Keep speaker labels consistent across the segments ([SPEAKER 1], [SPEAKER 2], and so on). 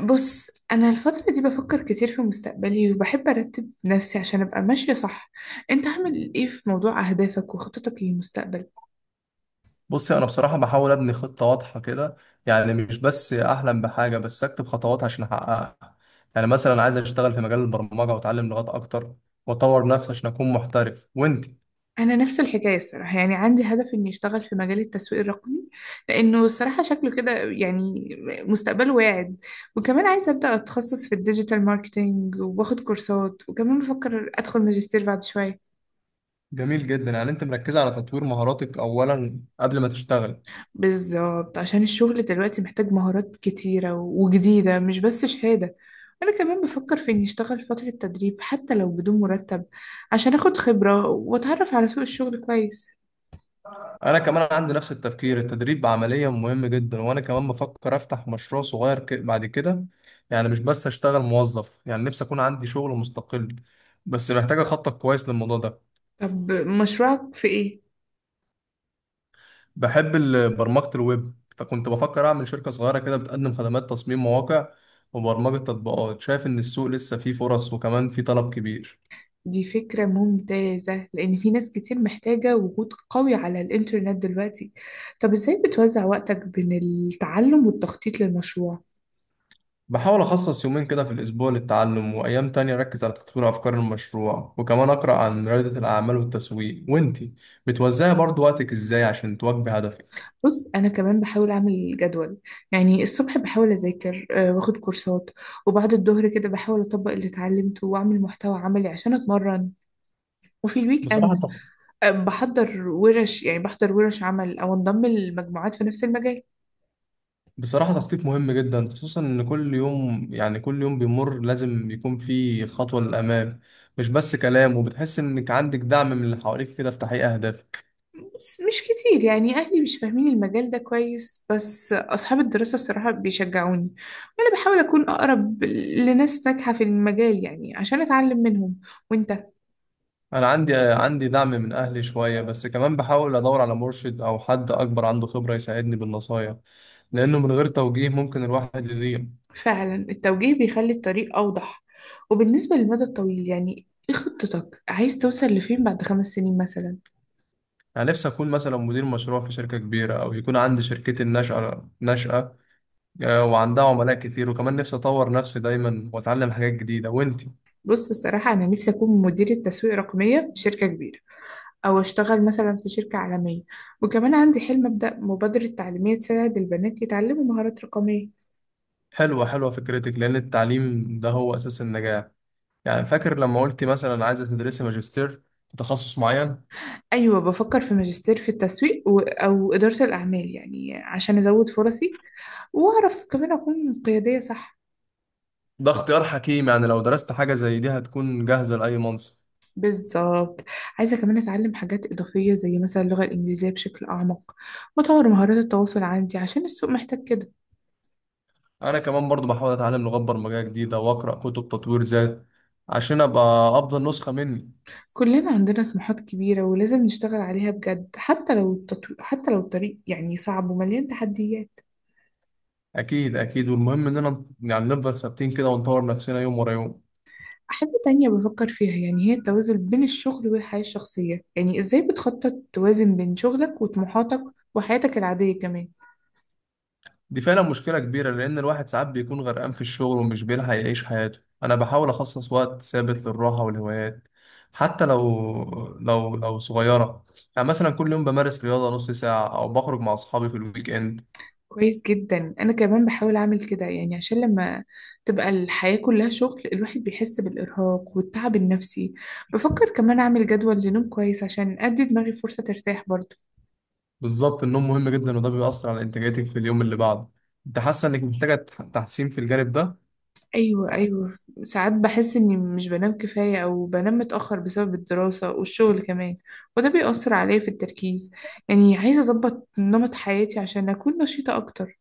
[SPEAKER 1] بص، أنا الفترة دي بفكر كتير في مستقبلي وبحب أرتب نفسي عشان أبقى ماشية صح. أنت عامل إيه في موضوع أهدافك وخططك للمستقبل؟
[SPEAKER 2] بصي، انا بصراحه بحاول ابني خطه واضحه كده. يعني مش بس احلم بحاجه، بس اكتب خطوات عشان احققها. يعني مثلا عايز اشتغل في مجال البرمجه واتعلم لغات اكتر، واطور نفسي عشان اكون محترف. وانت؟
[SPEAKER 1] أنا نفس الحكاية الصراحة، يعني عندي هدف إني أشتغل في مجال التسويق الرقمي، لأنه الصراحة شكله كده يعني مستقبله واعد. وكمان عايزة أبدأ أتخصص في الديجيتال ماركتينج وباخد كورسات، وكمان بفكر أدخل ماجستير بعد شوية.
[SPEAKER 2] جميل جدا، يعني انت مركزه على تطوير مهاراتك اولا قبل ما تشتغل.
[SPEAKER 1] بالظبط، عشان الشغل دلوقتي محتاج مهارات كتيرة وجديدة مش بس شهادة. أنا كمان بفكر في إني أشتغل فترة تدريب حتى لو بدون مرتب، عشان أخد خبرة وأتعرف على سوق الشغل كويس.
[SPEAKER 2] انا كمان عندي نفس التفكير، التدريب عمليا مهم جدا. وانا كمان بفكر افتح مشروع صغير بعد كده. يعني مش بس اشتغل موظف، يعني نفسي اكون عندي شغل مستقل، بس محتاجه اخطط كويس للموضوع ده.
[SPEAKER 1] طب مشروعك في إيه؟
[SPEAKER 2] بحب برمجة الويب، فكنت بفكر أعمل شركة صغيرة كده بتقدم خدمات تصميم مواقع وبرمجة تطبيقات. شايف إن السوق لسه فيه فرص، وكمان فيه طلب كبير.
[SPEAKER 1] دي فكرة ممتازة لأن في ناس كتير محتاجة وجود قوي على الإنترنت دلوقتي. طب إزاي بتوزع وقتك بين التعلم والتخطيط للمشروع؟
[SPEAKER 2] بحاول أخصص يومين كده في الأسبوع للتعلم، وأيام تانية أركز على تطوير أفكار المشروع، وكمان أقرأ عن ريادة الأعمال والتسويق. وإنتي بتوزعي برضو وقتك إزاي عشان تواكبي هدفك؟
[SPEAKER 1] بص، انا كمان بحاول اعمل جدول. يعني الصبح بحاول اذاكر واخد كورسات، وبعد الظهر كده بحاول اطبق اللي اتعلمته واعمل محتوى عملي عشان اتمرن. وفي الويك
[SPEAKER 2] بصراحة
[SPEAKER 1] اند بحضر ورش، يعني بحضر ورش عمل او انضم لمجموعات في نفس المجال.
[SPEAKER 2] بصراحة، تخطيط مهم جدا، خصوصا إن كل يوم بيمر لازم يكون فيه خطوة للأمام، مش بس كلام. وبتحس إنك عندك دعم من اللي حواليك كده في تحقيق أهدافك؟
[SPEAKER 1] بس مش كتير، يعني اهلي مش فاهمين المجال ده كويس، بس اصحاب الدراسة الصراحة بيشجعوني، وانا بحاول اكون اقرب لناس ناجحة في المجال يعني عشان اتعلم منهم. وانت؟
[SPEAKER 2] أنا عندي دعم من أهلي شوية، بس كمان بحاول أدور على مرشد أو حد أكبر عنده خبرة يساعدني بالنصايح، لأنه من غير توجيه ممكن الواحد يضيع.
[SPEAKER 1] فعلا التوجيه بيخلي الطريق أوضح. وبالنسبة للمدى الطويل يعني ايه خطتك، عايز توصل لفين بعد 5 سنين مثلا؟
[SPEAKER 2] أنا نفسي أكون مثلا مدير مشروع في شركة كبيرة، أو يكون عندي شركتي الناشئة. وعندها عملاء كتير، وكمان نفسي أطور نفسي دايما وأتعلم حاجات جديدة. وأنت؟
[SPEAKER 1] بص، الصراحة أنا نفسي أكون مديرة تسويق رقمية في شركة كبيرة، أو أشتغل مثلا في شركة عالمية. وكمان عندي حلم أبدأ مبادرة تعليمية تساعد البنات يتعلموا مهارات رقمية.
[SPEAKER 2] حلوة حلوة فكرتك، لأن التعليم ده هو أساس النجاح. يعني فاكر لما قلت مثلا عايزة تدرسي ماجستير في تخصص معين.
[SPEAKER 1] أيوة، بفكر في ماجستير في التسويق أو إدارة الأعمال، يعني عشان أزود فرصي وأعرف كمان أكون قيادية صح.
[SPEAKER 2] ده اختيار حكيم، يعني لو درست حاجة زي دي هتكون جاهزة لأي منصب.
[SPEAKER 1] بالظبط. عايزة كمان أتعلم حاجات إضافية زي مثلا اللغة الإنجليزية بشكل أعمق، وأطور مهارات التواصل عندي عشان السوق محتاج كده.
[SPEAKER 2] أنا كمان برضو بحاول أتعلم لغات برمجية جديدة وأقرأ كتب تطوير ذات، عشان أبقى أفضل نسخة مني.
[SPEAKER 1] كلنا عندنا طموحات كبيرة ولازم نشتغل عليها بجد، حتى لو حتى لو الطريق يعني صعب ومليان تحديات.
[SPEAKER 2] أكيد أكيد، والمهم إننا يعني نفضل ثابتين كده ونطور نفسنا يوم ورا يوم.
[SPEAKER 1] حاجة تانية بفكر فيها يعني هي التوازن بين الشغل والحياة الشخصية. يعني إزاي بتخطط توازن بين شغلك وطموحاتك وحياتك العادية كمان؟
[SPEAKER 2] دي فعلا مشكلة كبيرة، لأن الواحد ساعات بيكون غرقان في الشغل ومش بيلحق يعيش حياته. أنا بحاول أخصص وقت ثابت للراحة والهوايات، حتى لو صغيرة. يعني مثلا كل يوم بمارس رياضة نص ساعة، أو بخرج مع أصحابي في الويك إند.
[SPEAKER 1] كويس جدا. انا كمان بحاول اعمل كده، يعني عشان لما تبقى الحياة كلها شغل الواحد بيحس بالارهاق والتعب النفسي. بفكر كمان اعمل جدول لنوم كويس عشان ادي دماغي فرصة ترتاح برضه.
[SPEAKER 2] بالظبط، النوم مهم جدا، وده بيأثر على إنتاجيتك في اليوم اللي بعده. أنت حاسة إنك محتاجة تحسين في الجانب ده؟
[SPEAKER 1] ايوه
[SPEAKER 2] طبعاً.
[SPEAKER 1] ايوه. ساعات بحس اني مش بنام كفاية او بنام متأخر بسبب الدراسة والشغل كمان، وده بيأثر عليا في التركيز. يعني عايزة اظبط نمط حياتي عشان اكون نشيطة اكتر.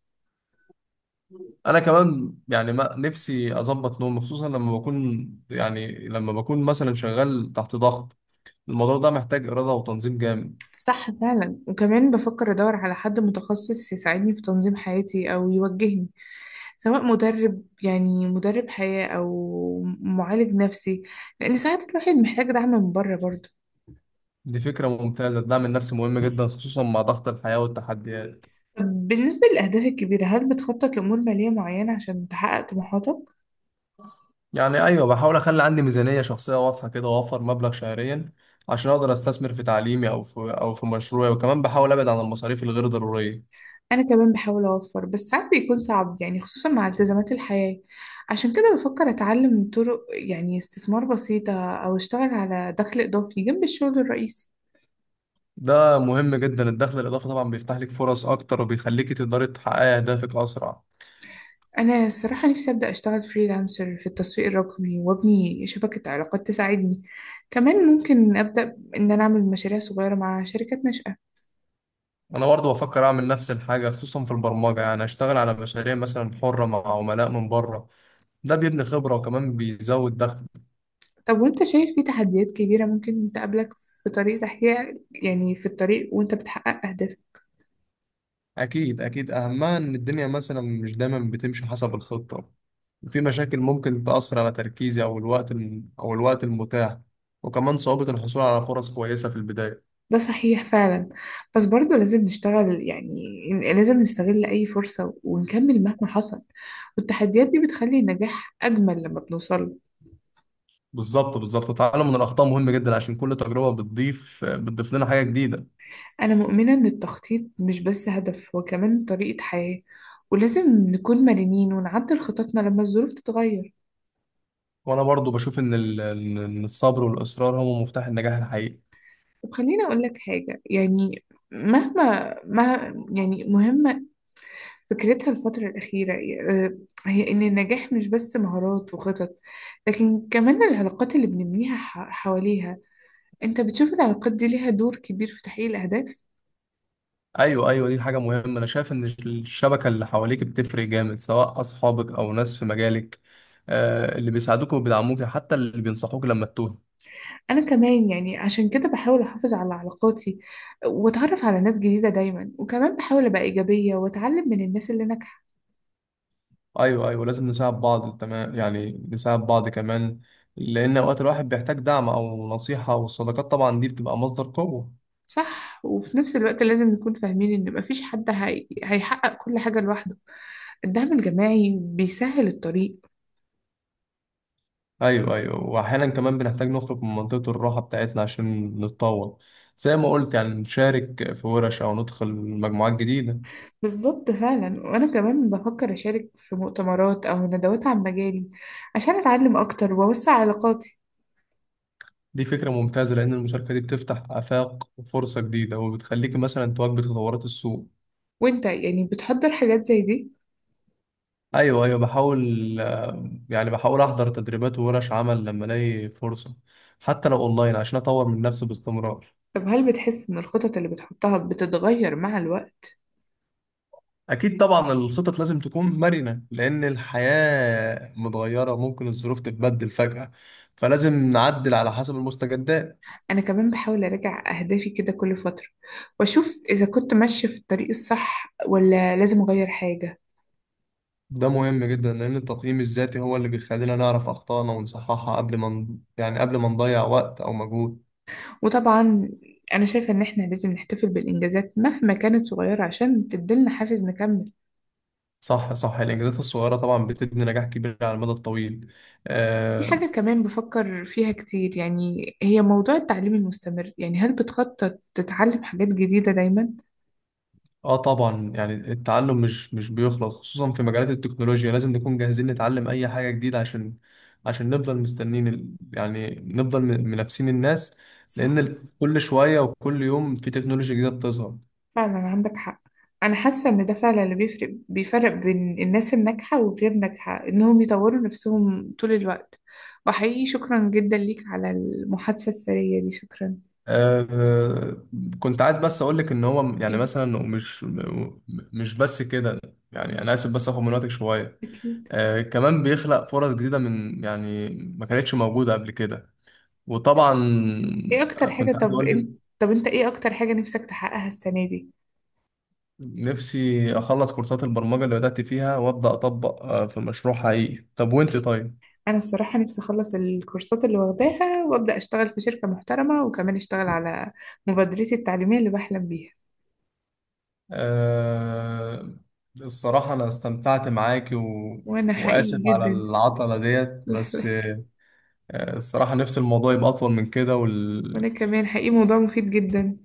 [SPEAKER 2] أنا كمان يعني ما نفسي أظبط نومي، خصوصا لما بكون مثلا شغال تحت ضغط. الموضوع ده محتاج إرادة وتنظيم جامد.
[SPEAKER 1] صح فعلا. وكمان بفكر ادور على حد متخصص يساعدني في تنظيم حياتي او يوجهني، سواء مدرب يعني مدرب حياة أو معالج نفسي، لأن ساعات الواحد محتاج دعم من بره برضه.
[SPEAKER 2] دي فكرة ممتازة، الدعم النفسي مهم جدا، خصوصا مع ضغط الحياة والتحديات.
[SPEAKER 1] طب بالنسبة للأهداف الكبيرة، هل بتخطط لأمور مالية معينة عشان تحقق طموحاتك؟
[SPEAKER 2] يعني أيوة، بحاول أخلي عندي ميزانية شخصية واضحة كده، وأوفر مبلغ شهريا عشان أقدر أستثمر في تعليمي أو في مشروعي، وكمان بحاول أبعد عن المصاريف الغير ضرورية.
[SPEAKER 1] أنا كمان بحاول أوفر، بس ساعات بيكون صعب يعني خصوصا مع التزامات الحياة. عشان كده بفكر أتعلم طرق يعني استثمار بسيطة أو أشتغل على دخل إضافي جنب الشغل الرئيسي.
[SPEAKER 2] ده مهم جدا، الدخل الإضافي طبعا بيفتح لك فرص أكتر، وبيخليك تقدري تحققي أهدافك أسرع.
[SPEAKER 1] أنا الصراحة نفسي أبدأ أشتغل فريلانسر في التسويق الرقمي وأبني شبكة علاقات تساعدني. كمان ممكن أبدأ إن أنا أعمل مشاريع صغيرة مع شركات ناشئة.
[SPEAKER 2] أنا برضه بفكر أعمل نفس الحاجة، خصوصا في البرمجة. يعني أشتغل على مشاريع مثلا حرة مع عملاء من بره، ده بيبني خبرة وكمان بيزود دخل.
[SPEAKER 1] طب وأنت شايف في تحديات كبيرة ممكن تقابلك في طريق تحقيق يعني في الطريق وأنت بتحقق أهدافك؟
[SPEAKER 2] أكيد أكيد، أهمها إن الدنيا مثلا مش دايما بتمشي حسب الخطة، وفي مشاكل ممكن تأثر على تركيزي أو الوقت المتاح، وكمان صعوبة الحصول على فرص كويسة في البداية.
[SPEAKER 1] ده صحيح فعلا. بس برضه لازم نشتغل، يعني لازم نستغل أي فرصة ونكمل مهما حصل، والتحديات دي بتخلي النجاح أجمل لما بنوصله.
[SPEAKER 2] بالظبط بالظبط، التعلم من الأخطاء مهم جدا، عشان كل تجربة بتضيف لنا حاجة جديدة.
[SPEAKER 1] أنا مؤمنة إن التخطيط مش بس هدف، هو كمان طريقة حياة، ولازم نكون مرنين ونعدل خططنا لما الظروف تتغير.
[SPEAKER 2] وأنا برضو بشوف إن الصبر والإصرار هم مفتاح النجاح الحقيقي.
[SPEAKER 1] طب خليني أقول لك حاجة يعني. مهما ما يعني مهمة فكرتها الفترة الأخيرة، آه، هي إن النجاح مش بس مهارات وخطط، لكن كمان العلاقات اللي بنبنيها حواليها. أنت بتشوف العلاقات دي ليها دور كبير في تحقيق الأهداف؟
[SPEAKER 2] ايوه ايوه، دي حاجه مهمه. انا شايف ان الشبكه اللي حواليك بتفرق جامد، سواء اصحابك او ناس في مجالك، اللي بيساعدوك وبيدعموك، حتى اللي بينصحوك لما تتوه.
[SPEAKER 1] أنا كمان يعني عشان كده بحاول أحافظ على علاقاتي وأتعرف على ناس جديدة دايما، وكمان بحاول أبقى إيجابية وأتعلم من الناس اللي ناجحة.
[SPEAKER 2] ايوه ايوه، لازم نساعد بعض. تمام، يعني نساعد بعض كمان، لان اوقات الواحد بيحتاج دعم او نصيحه، والصداقات طبعا دي بتبقى مصدر قوه.
[SPEAKER 1] صح. وفي نفس الوقت لازم نكون فاهمين إن مفيش حد هيحقق كل حاجة لوحده، الدعم الجماعي بيسهل الطريق.
[SPEAKER 2] ايوه ايوه، واحيانا كمان بنحتاج نخرج من منطقه الراحه بتاعتنا عشان نتطور. زي ما قلت، يعني نشارك في ورش او ندخل مجموعات جديده.
[SPEAKER 1] بالظبط فعلا. وأنا كمان بفكر أشارك في مؤتمرات أو ندوات عن مجالي عشان أتعلم أكتر وأوسع علاقاتي.
[SPEAKER 2] دي فكرة ممتازة، لأن المشاركة دي بتفتح آفاق وفرصة جديدة، وبتخليك مثلا تواكب تطورات السوق.
[SPEAKER 1] وإنت يعني بتحضر حاجات زي دي؟
[SPEAKER 2] أيوه أيوه، بحاول آه، يعني بحاول أحضر تدريبات وورش عمل لما ألاقي فرصة، حتى لو أونلاين، عشان أطور من نفسي باستمرار.
[SPEAKER 1] طب هل بتحس إن الخطط اللي بتحطها بتتغير مع الوقت؟
[SPEAKER 2] أكيد طبعا، الخطط لازم تكون مرنة، لأن الحياة متغيرة وممكن الظروف تتبدل فجأة، فلازم نعدل على حسب المستجدات.
[SPEAKER 1] أنا كمان بحاول أراجع أهدافي كده كل فترة، وأشوف إذا كنت ماشية في الطريق الصح ولا لازم أغير حاجة.
[SPEAKER 2] ده مهم جدا، لأن التقييم الذاتي هو اللي بيخلينا نعرف أخطائنا ونصححها قبل ما نضيع وقت أو مجهود.
[SPEAKER 1] وطبعا، أنا شايفة إن إحنا لازم نحتفل بالإنجازات مهما كانت صغيرة عشان تديلنا حافز نكمل.
[SPEAKER 2] صح صح، الإنجازات الصغيرة طبعا بتبني نجاح كبير على المدى الطويل.
[SPEAKER 1] في
[SPEAKER 2] آه.
[SPEAKER 1] حاجة كمان بفكر فيها كتير، يعني هي موضوع التعليم المستمر. يعني هل بتخطط تتعلم حاجات جديدة دايما؟
[SPEAKER 2] آه، طبعا، يعني التعلم مش بيخلص، خصوصا في مجالات التكنولوجيا. لازم نكون جاهزين نتعلم أي حاجة جديدة، عشان نفضل منافسين الناس،
[SPEAKER 1] صح،
[SPEAKER 2] لأن كل شوية وكل يوم في تكنولوجيا جديدة بتظهر.
[SPEAKER 1] فعلا عندك حق. أنا حاسة إن ده فعلا اللي بيفرق بين الناس الناجحة وغير ناجحة، إنهم يطوروا نفسهم طول الوقت. وحقيقي شكرا جدا ليك على المحادثة السرية دي، شكرا.
[SPEAKER 2] آه، كنت عايز بس اقول لك ان هو م- يعني
[SPEAKER 1] إيه؟
[SPEAKER 2] مثلا مش م- مش بس كده. يعني انا اسف بس اخد من وقتك شويه.
[SPEAKER 1] أكيد.
[SPEAKER 2] كمان بيخلق فرص جديده من، يعني، ما كانتش موجوده قبل كده. وطبعا
[SPEAKER 1] إيه أكتر حاجة
[SPEAKER 2] كنت عايز
[SPEAKER 1] طب
[SPEAKER 2] اقول
[SPEAKER 1] إنت
[SPEAKER 2] لك
[SPEAKER 1] طب أنت إيه أكتر حاجة نفسك تحققها السنة دي؟
[SPEAKER 2] نفسي اخلص كورسات البرمجه اللي بدات فيها وابدا اطبق في مشروع حقيقي. طب وانت؟ طيب.
[SPEAKER 1] أنا الصراحة نفسي أخلص الكورسات اللي واخداها وأبدأ أشتغل في شركة محترمة، وكمان أشتغل على مبادرتي التعليمية اللي بحلم بيها.
[SPEAKER 2] آه، الصراحه انا استمتعت معاكي
[SPEAKER 1] وأنا حقيقي
[SPEAKER 2] واسف على
[SPEAKER 1] جدا.
[SPEAKER 2] العطله ديت
[SPEAKER 1] لا
[SPEAKER 2] بس.
[SPEAKER 1] لا.
[SPEAKER 2] الصراحة نفس الموضوع يبقى أطول من كده
[SPEAKER 1] وأنا كمان حقيقي موضوع مفيد جدا.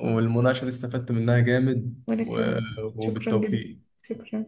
[SPEAKER 2] والمناقشة دي استفدت منها جامد
[SPEAKER 1] وأنا كمان. شكرا جدا.
[SPEAKER 2] وبالتوفيق.
[SPEAKER 1] شكرا.